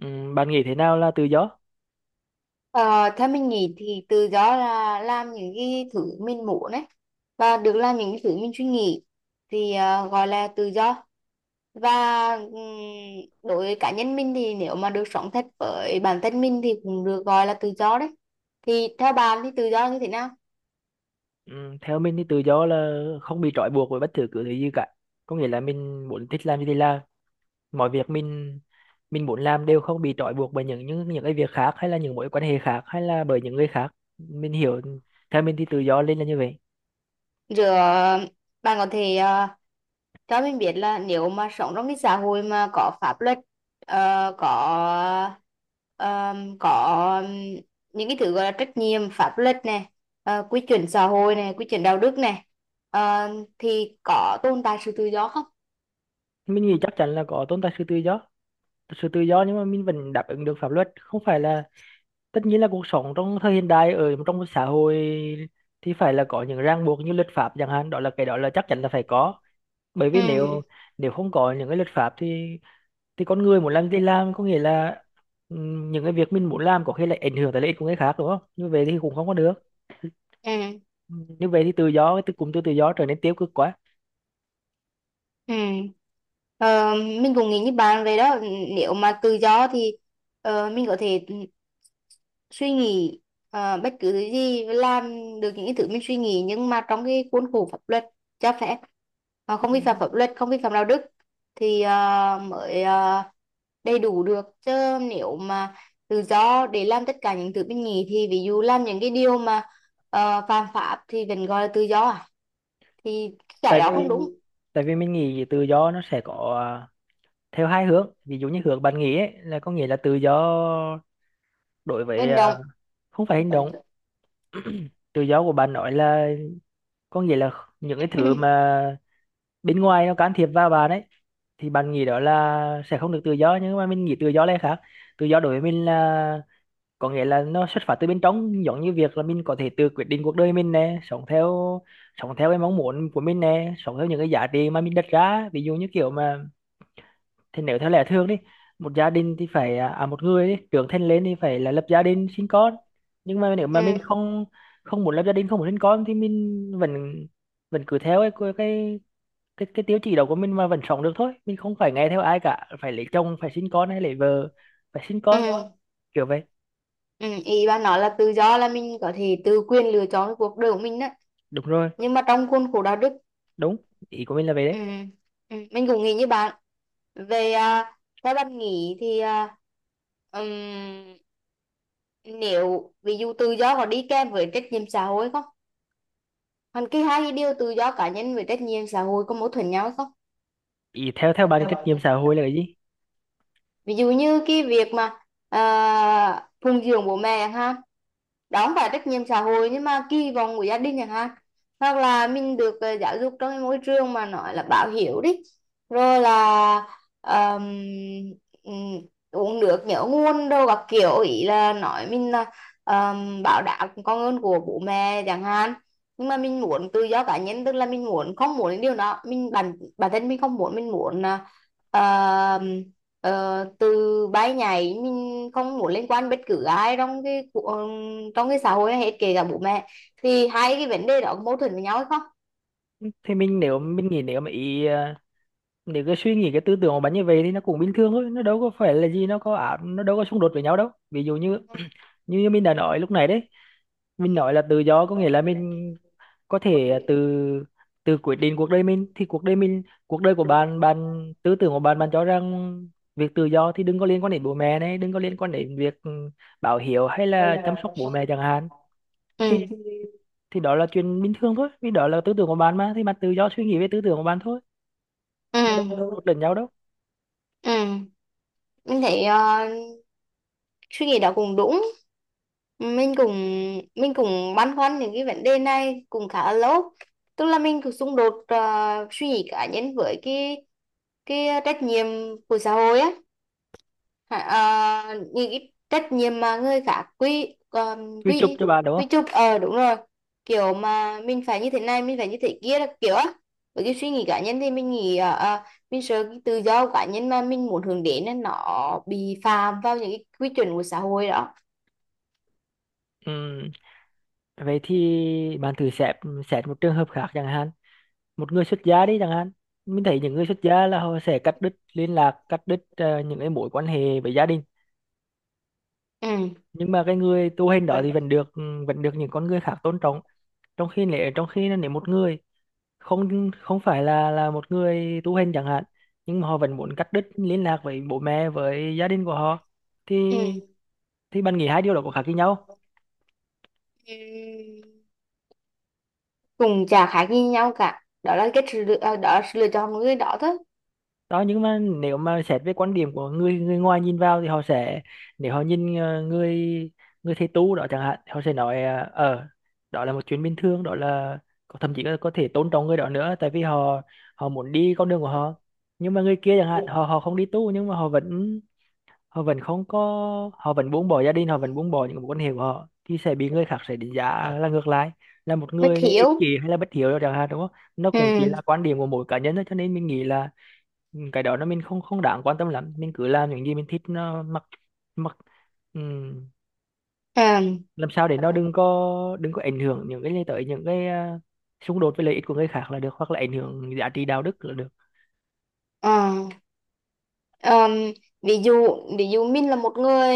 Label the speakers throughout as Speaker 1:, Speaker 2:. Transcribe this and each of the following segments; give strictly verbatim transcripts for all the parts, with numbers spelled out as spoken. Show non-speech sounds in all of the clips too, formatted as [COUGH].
Speaker 1: Ừ, bạn nghĩ thế nào là tự do?
Speaker 2: Ờ, Theo mình nghĩ thì tự do là làm những cái thứ mình muốn ấy, và được làm những cái thứ mình suy nghĩ thì ờ, gọi là tự do. Và ừm, đối với cá nhân mình thì nếu mà được sống thật với bản thân mình thì cũng được gọi là tự do đấy. Thì theo bạn thì tự do như thế nào?
Speaker 1: Ừ, theo mình thì tự do là không bị trói buộc bởi bất cứ thứ gì cả. Có nghĩa là mình muốn thích làm gì thì làm, mọi việc mình mình muốn làm đều không bị trói buộc bởi những những những cái việc khác hay là những mối quan hệ khác hay là bởi những người khác. Mình hiểu, theo mình thì tự do lên là như vậy.
Speaker 2: giữa Bạn có thể ờ, cho mình biết là nếu mà sống trong cái xã hội mà có pháp luật, ờ, có ờm, có những cái thứ gọi là trách nhiệm pháp luật này, ờ, quy chuẩn xã hội này, quy chuẩn đạo đức này, ờ, thì có tồn tại sự tự do không?
Speaker 1: Mình nghĩ chắc chắn là có tồn tại sự tự do, sự tự do nhưng mà mình vẫn đáp ứng được pháp luật. Không phải là tất nhiên là cuộc sống trong thời hiện đại ở trong một xã hội thì phải là có những ràng buộc như luật pháp chẳng hạn, đó là cái đó là chắc chắn là phải có. Bởi vì nếu
Speaker 2: Ừ.
Speaker 1: nếu không có những cái luật pháp thì thì con người muốn làm gì làm, có nghĩa là ừm, những cái việc mình muốn làm có khi lại ảnh hưởng tới lợi ích của người khác, đúng không? Như vậy thì cũng không có được,
Speaker 2: ừ
Speaker 1: như vậy thì tự do, cái từ cụm từ tự do trở nên tiêu cực quá.
Speaker 2: Ừ. Ờ, mình cũng nghĩ như bạn vậy đó. Nếu mà tự do thì ờ, mình có thể suy nghĩ ờ, bất cứ thứ gì, và làm được những cái thứ mình suy nghĩ, nhưng mà trong cái khuôn khổ pháp luật cho phép. Ờ,
Speaker 1: Ừ.
Speaker 2: không vi phạm pháp luật, không vi phạm đạo đức thì ờ, mới ờ, đầy đủ được chứ. Nếu mà tự do để làm tất cả những thứ mình nghĩ thì ví dụ làm những cái điều mà uh, phạm pháp thì vẫn gọi là tự do à? Thì cái
Speaker 1: tại
Speaker 2: đó
Speaker 1: vì
Speaker 2: không đúng.
Speaker 1: tại vì mình nghĩ tự do nó sẽ có, à, theo hai hướng. Ví dụ như hướng bạn nghĩ ấy, là có nghĩa là tự do đối với,
Speaker 2: Hành
Speaker 1: à,
Speaker 2: động.
Speaker 1: không phải hành động. Tự do của bạn nói là, có nghĩa là những cái thứ
Speaker 2: [CLEARS THROAT]
Speaker 1: mà bên ngoài nó can thiệp vào bạn ấy, thì bạn nghĩ đó là sẽ không được tự do. Nhưng mà mình nghĩ tự do là khác. Tự do đối với mình là, có nghĩa là nó xuất phát từ bên trong, giống như việc là mình có thể tự quyết định cuộc đời mình nè, sống theo sống theo cái mong muốn của mình nè, sống theo những cái giá trị mà mình đặt ra. Ví dụ như kiểu mà, thì nếu theo lẽ thường đi, một gia đình thì phải à à, một người đi, trưởng thành lên thì phải là lập gia đình sinh con. Nhưng mà nếu mà mình
Speaker 2: Ừ.
Speaker 1: không không muốn lập gia đình, không muốn sinh con, thì mình vẫn vẫn cứ theo cái cái cái cái tiêu chí đó của mình mà vẫn sống được thôi. Mình không phải nghe theo ai cả, phải lấy chồng phải sinh con hay lấy vợ phải sinh con,
Speaker 2: Ừ.
Speaker 1: kiểu vậy.
Speaker 2: Ừ, ý bà nói là tự do là mình có thể tự quyền lựa chọn cái cuộc đời của mình đó,
Speaker 1: Đúng rồi.
Speaker 2: nhưng mà trong khuôn khổ đạo đức.
Speaker 1: Đúng. Ý của mình là vậy
Speaker 2: ừ,
Speaker 1: đấy.
Speaker 2: ừ, mình cũng nghĩ như bạn. về à, Theo bạn nghĩ thì à, ừm, nếu ví dụ tự do có đi kèm với trách nhiệm xã hội không? Còn cái hai điều tự do cá nhân với trách nhiệm xã hội có mâu thuẫn nhau hay không?
Speaker 1: Ý, theo theo bạn thì trách nhiệm xã hội là cái gì?
Speaker 2: Ví dụ như cái việc mà à, phụng dưỡng bố mẹ chẳng hạn, đó không phải trách nhiệm xã hội nhưng mà kỳ vọng của gia đình chẳng hạn. Hoặc là mình được ờ, giáo dục trong cái môi trường mà nói là báo hiếu đi, rồi là ờm, ừm, uống nước nhớ nguồn đâu các kiểu, ý là nói mình là ờm, báo đáp công ơn của bố mẹ chẳng hạn. Nhưng mà mình muốn tự do cá nhân, tức là mình muốn không muốn những điều đó, mình bản bản thân mình không muốn, mình muốn là Ờ, từ bay nhảy, mình không muốn liên quan bất cứ ai trong cái cu- ờ, trong cái xã hội này hết, kể cả bố mẹ. Thì hai cái vấn đề đó có mâu thuẫn với nhau hay không?
Speaker 1: Thì mình nếu mình nghĩ nếu mà ý à, nếu cái suy nghĩ, cái tư tưởng của bạn như vậy thì nó cũng bình thường thôi, nó đâu có phải là gì, nó có ảo, nó đâu có xung đột với nhau đâu. Ví dụ như [CLEARS THROAT] như mình đã nói lúc này đấy, mình nói là tự do có nghĩa là mình có thể, à, từ từ quyết định cuộc đời mình. Thì cuộc đời mình cuộc đời của bạn, bạn tư tưởng của bạn bạn cho rằng việc tự do thì đừng có liên quan đến bố mẹ này, đừng có liên quan đến việc ừ, báo hiếu hay là chăm sóc bố mẹ chẳng hạn, thì
Speaker 2: Ừ.
Speaker 1: thì đó là chuyện bình thường thôi. Vì đó là tư tưởng của bạn mà, thì bạn tự do suy nghĩ về tư tưởng của bạn thôi,
Speaker 2: Ừ.
Speaker 1: nó đâu
Speaker 2: Ừ.
Speaker 1: có đột lẫn nhau đâu.
Speaker 2: Ừ. Mình thấy ờ, suy nghĩ đó cũng đúng. mình cũng mình cũng băn khoăn những cái vấn đề này cũng khá là lâu, tức là mình cũng xung đột ờ, suy nghĩ cá nhân với cái cái trách nhiệm của xã hội á. Hả, ờ, những cái trách nhiệm mà người khác quy um,
Speaker 1: Quy chụp
Speaker 2: quy
Speaker 1: cho bạn, đúng
Speaker 2: quy
Speaker 1: không?
Speaker 2: chụp. Ờ, đúng rồi, kiểu mà mình phải như thế này, mình phải như thế kia, là kiểu á. Với cái suy nghĩ cá nhân thì mình nghĩ ờ, ờ, mình sợ cái tự do của cá nhân mà mình muốn hướng đến nên nó bị phạm vào những cái quy chuẩn của xã hội đó.
Speaker 1: Ừm, vậy thì bạn thử xét xét một trường hợp khác chẳng hạn, một người xuất gia đi chẳng hạn. Mình thấy những người xuất gia là họ sẽ cắt đứt liên lạc, cắt đứt ờ, những cái mối quan hệ với gia đình,
Speaker 2: Ừ.
Speaker 1: nhưng mà cái người tu hành đó thì vẫn được ừ, vẫn được những con người khác tôn trọng. Trong khi nếu trong khi nếu một người không không phải là là một người tu hành chẳng hạn, nhưng mà họ vẫn muốn cắt đứt liên lạc với bố mẹ, với gia đình của họ, thì
Speaker 2: Ừ.
Speaker 1: thì bạn nghĩ hai điều đó có khác với nhau?
Speaker 2: Ừ. Cùng chả khác gì nhau cả, đó là cái sự lựa, ờ, đó là sự lựa chọn của người đó thôi.
Speaker 1: Đó, nhưng mà nếu mà xét về quan điểm của người, người ngoài nhìn vào thì họ sẽ, nếu họ nhìn ờ, người người thầy tu đó chẳng hạn, họ sẽ nói ờ ờ, đó là một chuyện bình thường, đó là có- thậm chí là có thể tôn trọng người đó nữa. Tại vì họ họ muốn đi con đường của họ, nhưng mà người kia chẳng hạn, họ họ không đi tu nhưng mà họ vẫn họ vẫn không có họ vẫn buông bỏ gia đình, họ vẫn buông bỏ những mối quan hệ của họ, thì sẽ bị người khác sẽ đánh giá là ngược lại, là một
Speaker 2: Bất
Speaker 1: người ích
Speaker 2: hiểu.
Speaker 1: kỷ hay là bất hiếu chẳng hạn, đúng không? Nó cũng chỉ là
Speaker 2: Ừ.
Speaker 1: quan điểm của mỗi cá nhân thôi, cho nên mình nghĩ là ừ, cái đó nó, mình không không đáng quan tâm lắm. Mình cứ làm những gì mình thích, nó mặc, mặc ừm,
Speaker 2: Ừ.
Speaker 1: làm sao để nó đừng có đừng có ảnh hưởng những cái, tới những cái à, xung đột với lợi ích của người khác là được, hoặc là ảnh hưởng giá trị đạo đức là được.
Speaker 2: Ờ. Ờm, ví dụ, ví dụ mình là một người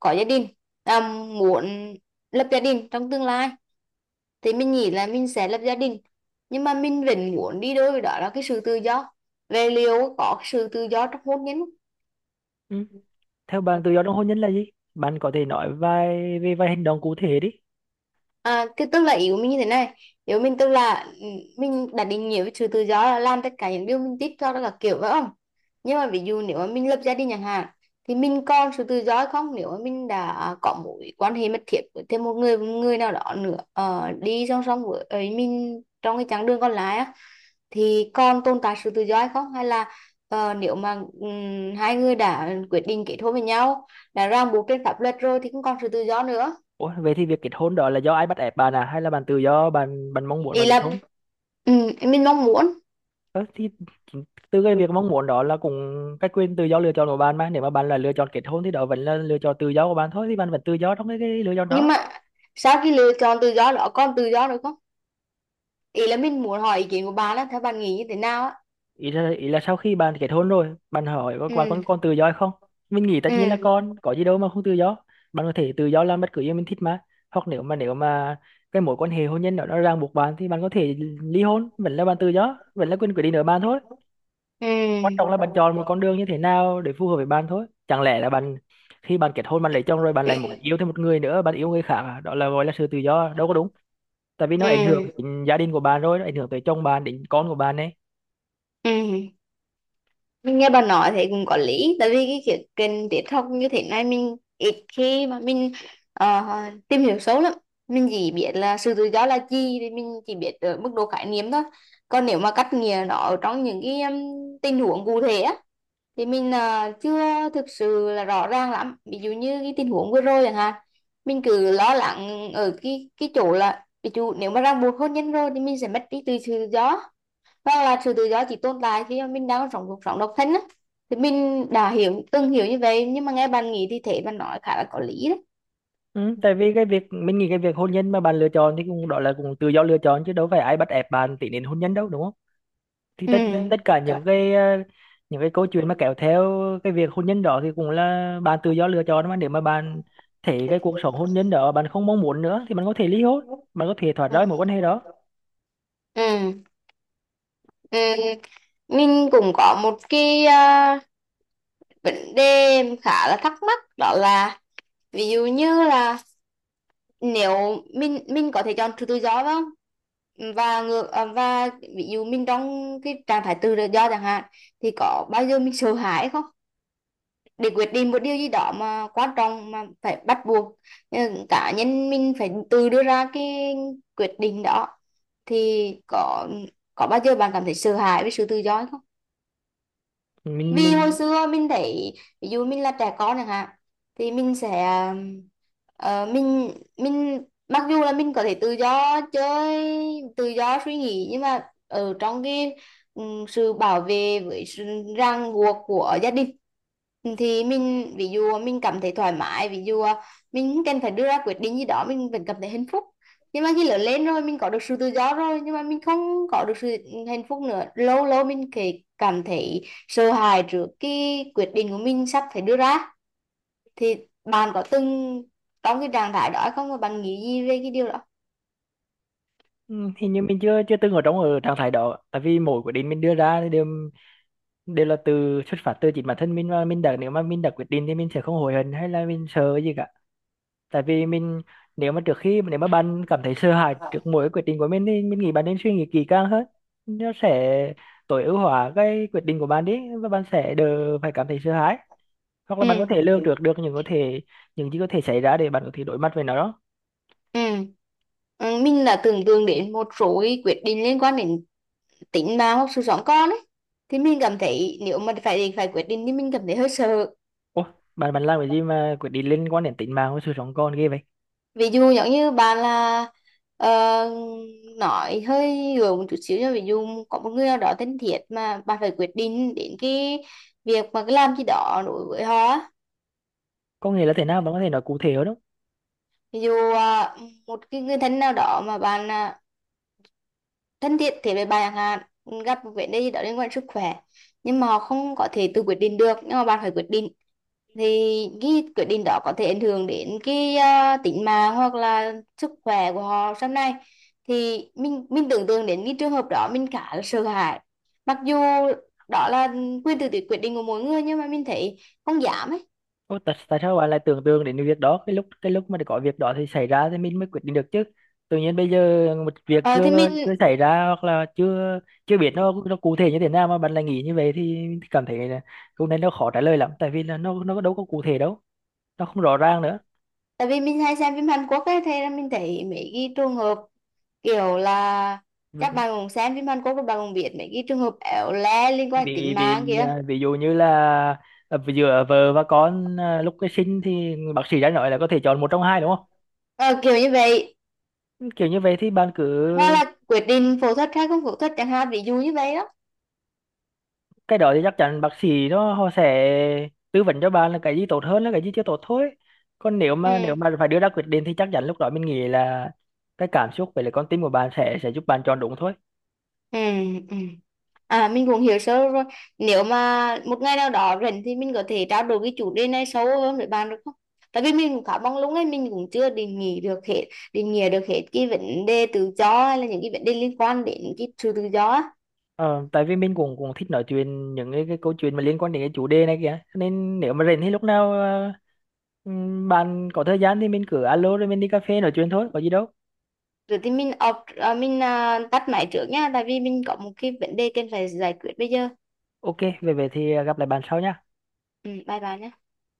Speaker 2: có gia đình, ờm, muốn lập gia đình trong tương lai, thì mình nghĩ là mình sẽ lập gia đình. Nhưng mà mình vẫn muốn đi đôi với đó là cái sự tự do, về liệu có sự tự do trong hôn nhân.
Speaker 1: Ừ. Theo bạn tự do trong hôn nhân là gì? Bạn có thể nói vài về vài hành động cụ thể đi.
Speaker 2: À, cái tức là ý của mình như thế này, nếu mình tức là ừ, mình đã định nghĩa với sự tự do là làm tất cả những điều mình thích, cho đó là kiểu phải không? Nhưng mà ví dụ nếu mà mình lập gia đình chẳng hạn thì mình còn sự tự do hay không, nếu mà mình đã có mối quan hệ mật thiết với thêm một người, một người nào đó nữa, ờ, đi song song với ấy mình trong cái chặng đường còn lại á, thì còn tồn tại sự tự do hay không? Hay là ờ, nếu mà ừm, hai người đã quyết định kết hôn với nhau, đã ràng buộc trên pháp luật rồi thì không còn sự tự do nữa.
Speaker 1: Ủa, vậy thì việc kết hôn đó là do ai bắt ép bạn à, hay là bạn tự do, bạn bạn mong muốn mà
Speaker 2: Ý
Speaker 1: kết
Speaker 2: là
Speaker 1: hôn?
Speaker 2: ừm, mình mong muốn.
Speaker 1: Ờ, thì chính từ cái việc mong muốn đó là cũng cái quyền tự do lựa chọn của bạn mà. Nếu mà bạn là lựa chọn kết hôn thì đó vẫn là lựa chọn tự do của bạn thôi, thì bạn vẫn tự do trong cái, cái lựa chọn
Speaker 2: Nhưng
Speaker 1: đó.
Speaker 2: mà sau khi lựa chọn tự do đó còn tự do được không? Ý là mình muốn hỏi ý kiến của bà á, theo bạn nghĩ như thế nào á?
Speaker 1: Ý là, ý là sau khi bạn kết hôn rồi, bạn hỏi, có- bạn còn
Speaker 2: Ừ.
Speaker 1: còn tự do hay không? Mình nghĩ tất
Speaker 2: Ừ.
Speaker 1: nhiên là còn, có gì đâu mà không tự do. Bạn có thể tự do làm bất cứ gì mình thích mà. Hoặc nếu mà nếu mà cái mối quan hệ hôn nhân đó nó ràng buộc bạn thì bạn có thể ly hôn, vẫn là bạn tự do, vẫn là quyền quyết định ở bạn thôi.
Speaker 2: Ừ.
Speaker 1: Quan trọng là bạn chọn một con đường như thế nào để phù hợp với bạn thôi. Chẳng lẽ là bạn, khi bạn kết hôn bạn lấy chồng rồi bạn lại muốn yêu thêm một người nữa, bạn yêu người khác à? Đó là gọi là sự tự do đâu có đúng, tại vì nó ảnh hưởng
Speaker 2: Ừ.
Speaker 1: đến gia đình của bạn rồi, nó ảnh hưởng tới chồng bạn, đến con của bạn ấy.
Speaker 2: Ừ, mình nghe bà nói thì cũng có lý. Tại vì cái kiểu kênh tiếp học như thế này mình ít khi mà mình ờ, tìm hiểu sâu lắm. Mình chỉ biết là sự tự do là gì thì mình chỉ biết ở mức độ khái niệm thôi, còn nếu mà cắt nghĩa nó ở trong những cái um, tình huống cụ thể á thì mình à, chưa thực sự là rõ ràng lắm. Ví dụ như cái tình huống vừa rồi chẳng hạn, mình cứ lo lắng ở cái cái chỗ là ví dụ nếu mà ràng buộc hôn nhân rồi thì mình sẽ mất đi tự tự do, và là sự tự do chỉ tồn tại khi mà mình đang còn sống cuộc sống độc thân á. Thì mình đã hiểu từng hiểu như vậy, nhưng mà nghe bạn nghĩ thì thế bạn nói khá là có lý đấy.
Speaker 1: Ừ, tại vì cái việc mình nghĩ, cái việc hôn nhân mà bạn lựa chọn thì cũng đó là cũng tự do lựa chọn, chứ đâu phải ai bắt ép bạn tiến đến hôn nhân đâu, đúng không? Thì
Speaker 2: Ừ.
Speaker 1: tất tất cả những cái, ờ, những cái câu chuyện mà kéo theo cái việc hôn nhân đó thì cũng là bạn tự do lựa chọn mà. Nếu mà bạn thấy cái cuộc sống hôn nhân đó bạn không mong muốn nữa thì bạn có thể ly hôn, bạn có thể thoát
Speaker 2: Ừ.
Speaker 1: ra mối quan hệ đó.
Speaker 2: Ừ. Ừ. Mình cũng có một cái à, vấn đề khá là thắc mắc, đó là ví dụ như là nếu mình mình có thể chọn sự tự do phải không? Và ngược à, và ví dụ mình trong cái trạng thái tự do chẳng hạn, thì có bao giờ mình sợ hãi không, để quyết định một điều gì đó mà quan trọng mà phải bắt buộc ừ, cá nhân mình phải tự đưa ra cái quyết định đó. Thì có có bao giờ bạn cảm thấy sợ hãi với sự tự do không?
Speaker 1: mình
Speaker 2: Vì hồi
Speaker 1: mình
Speaker 2: xưa mình thấy ví dụ mình là trẻ con chẳng hạn, thì mình sẽ ờ, ờ, mình mình mặc dù là mình có thể tự do chơi, tự do suy nghĩ, nhưng mà ở trong cái ừm, sự bảo vệ với sự ràng buộc của gia đình thì mình, ví dụ mình cảm thấy thoải mái, ví dụ ờ, mình không cần phải đưa ra quyết định gì đó mình vẫn cảm thấy hạnh phúc. Nhưng mà khi lớn lên rồi mình có được sự tự do rồi nhưng mà mình không có được sự hạnh phúc nữa, lâu lâu mình kể cảm thấy sợ hãi trước cái quyết định của mình sắp phải đưa ra. Thì bạn có từng trong cái trạng thái đó hay không và bạn nghĩ gì về cái điều đó?
Speaker 1: ừ, hình như mình chưa chưa từng ở trong, ở trạng thái đó, tại vì mỗi quyết định mình đưa ra thì đều đều là từ xuất phát từ chính bản thân mình, và mình đã nếu mà mình đã quyết định thì mình sẽ không hối hận hay là mình sợ gì cả. Tại vì mình, nếu mà trước khi nếu mà bạn cảm thấy sợ hãi trước mỗi quyết định của mình thì mình nghĩ bạn nên suy nghĩ kỹ càng hơn. Nó sẽ tối ưu hóa cái quyết định của bạn đi, và bạn sẽ đỡ phải cảm thấy sợ hãi, hoặc là
Speaker 2: Ừ.
Speaker 1: bạn có thể lường trước được những có thể những gì có thể xảy ra để bạn có thể đối mặt với nó đó.
Speaker 2: Ừ. Ừ, mình là tưởng tượng đến một số cái quyết định liên quan đến tính mà hoặc sự sống con ấy, thì mình cảm thấy nếu mà phải phải quyết định thì mình cảm thấy hơi sợ.
Speaker 1: Ủa, bạn bạn làm cái gì mà quyết định liên quan đến tính mạng và sự sống còn ghê vậy?
Speaker 2: Ví dụ giống như bạn là ờ, nói hơi gượng một chút xíu cho ví dụ, có một người nào đó thân thiết mà bạn phải quyết định đến cái việc mà cái làm gì đó đối với họ á.
Speaker 1: Có nghĩa là thế nào, bạn có thể nói cụ thể hơn không?
Speaker 2: Ví dụ à, một cái người thân nào đó mà bạn à, thân thiện thế với bạn hạn, gặp một vấn đề gì đó liên quan sức khỏe, nhưng mà họ không có thể tự quyết định được nhưng mà bạn phải quyết định. Thì cái quyết định đó có thể ảnh hưởng đến cái uh, tính mạng hoặc là sức khỏe của họ sau này. Thì mình mình tưởng tượng đến cái trường hợp đó mình khá là sợ hãi, mặc dù đó là quyền tự quyết định của mỗi người nhưng mà mình thấy không dám ấy.
Speaker 1: Ô, tại, tại sao bạn lại tưởng tượng đến việc đó? Cái lúc cái lúc mà có việc đó thì xảy ra thì mình mới quyết định được chứ. Tự nhiên bây giờ một việc
Speaker 2: Ờ, thì
Speaker 1: chưa
Speaker 2: mình
Speaker 1: chưa xảy ra hoặc là chưa chưa biết nó nó cụ thể như thế nào mà bạn lại nghĩ như vậy, thì mình cảm thấy là câu này nó khó trả lời lắm, tại vì là nó nó đâu có cụ thể đâu, nó không rõ ràng nữa.
Speaker 2: Tại vì mình hay xem phim Hàn Quốc ấy, thế là mình thấy mấy cái trường hợp kiểu là các bạn cũng xem phim Hàn Quốc, các bạn cũng biết mấy cái trường hợp éo le liên quan đến
Speaker 1: vì
Speaker 2: tính mạng
Speaker 1: vì
Speaker 2: kìa.
Speaker 1: à, ví dụ như là à, giữa vợ và con, à, lúc cái sinh thì bác sĩ đã nói là có thể chọn một trong hai, đúng không?
Speaker 2: Ờ, kiểu như vậy.
Speaker 1: Kiểu như vậy thì bạn cứ,
Speaker 2: Hoặc là quyết định phẫu thuật hay không phẫu thuật chẳng hạn, ví dụ như vậy đó.
Speaker 1: cái đó thì chắc chắn bác sĩ nó họ sẽ tư vấn cho bạn là cái gì tốt hơn là cái gì chưa tốt thôi. Còn nếu
Speaker 2: Ừ.
Speaker 1: mà nếu mà phải đưa ra quyết định thì chắc chắn lúc đó mình nghĩ là cái cảm xúc với lại con tim của bạn sẽ sẽ giúp bạn chọn đúng thôi.
Speaker 2: Ừ. Ừ, à mình cũng hiểu sơ rồi. Nếu mà một ngày nào đó rảnh thì mình có thể trao đổi cái chủ đề này sâu hơn với bạn được không? Tại vì mình cũng khá mong lúc ấy mình cũng chưa định nghĩa được hết, định nghĩa được hết cái vấn đề tự do hay là những cái vấn đề liên quan đến cái sự tự do á.
Speaker 1: Ờ, tại vì mình cũng cũng thích nói chuyện những cái, cái câu chuyện mà liên quan đến cái chủ đề này kìa. Cho nên nếu mà rảnh thì lúc nào ờ, ừm, bạn có thời gian thì mình cứ alo rồi mình đi cà phê nói chuyện thôi, có gì đâu.
Speaker 2: Rồi thì mình off, à, mình à, tắt máy trước nha, tại vì mình có một cái vấn đề cần phải giải quyết bây giờ.
Speaker 1: OK,
Speaker 2: Ok.
Speaker 1: về về thì gặp lại bạn sau nha.
Speaker 2: Ừ, bye bye nhé.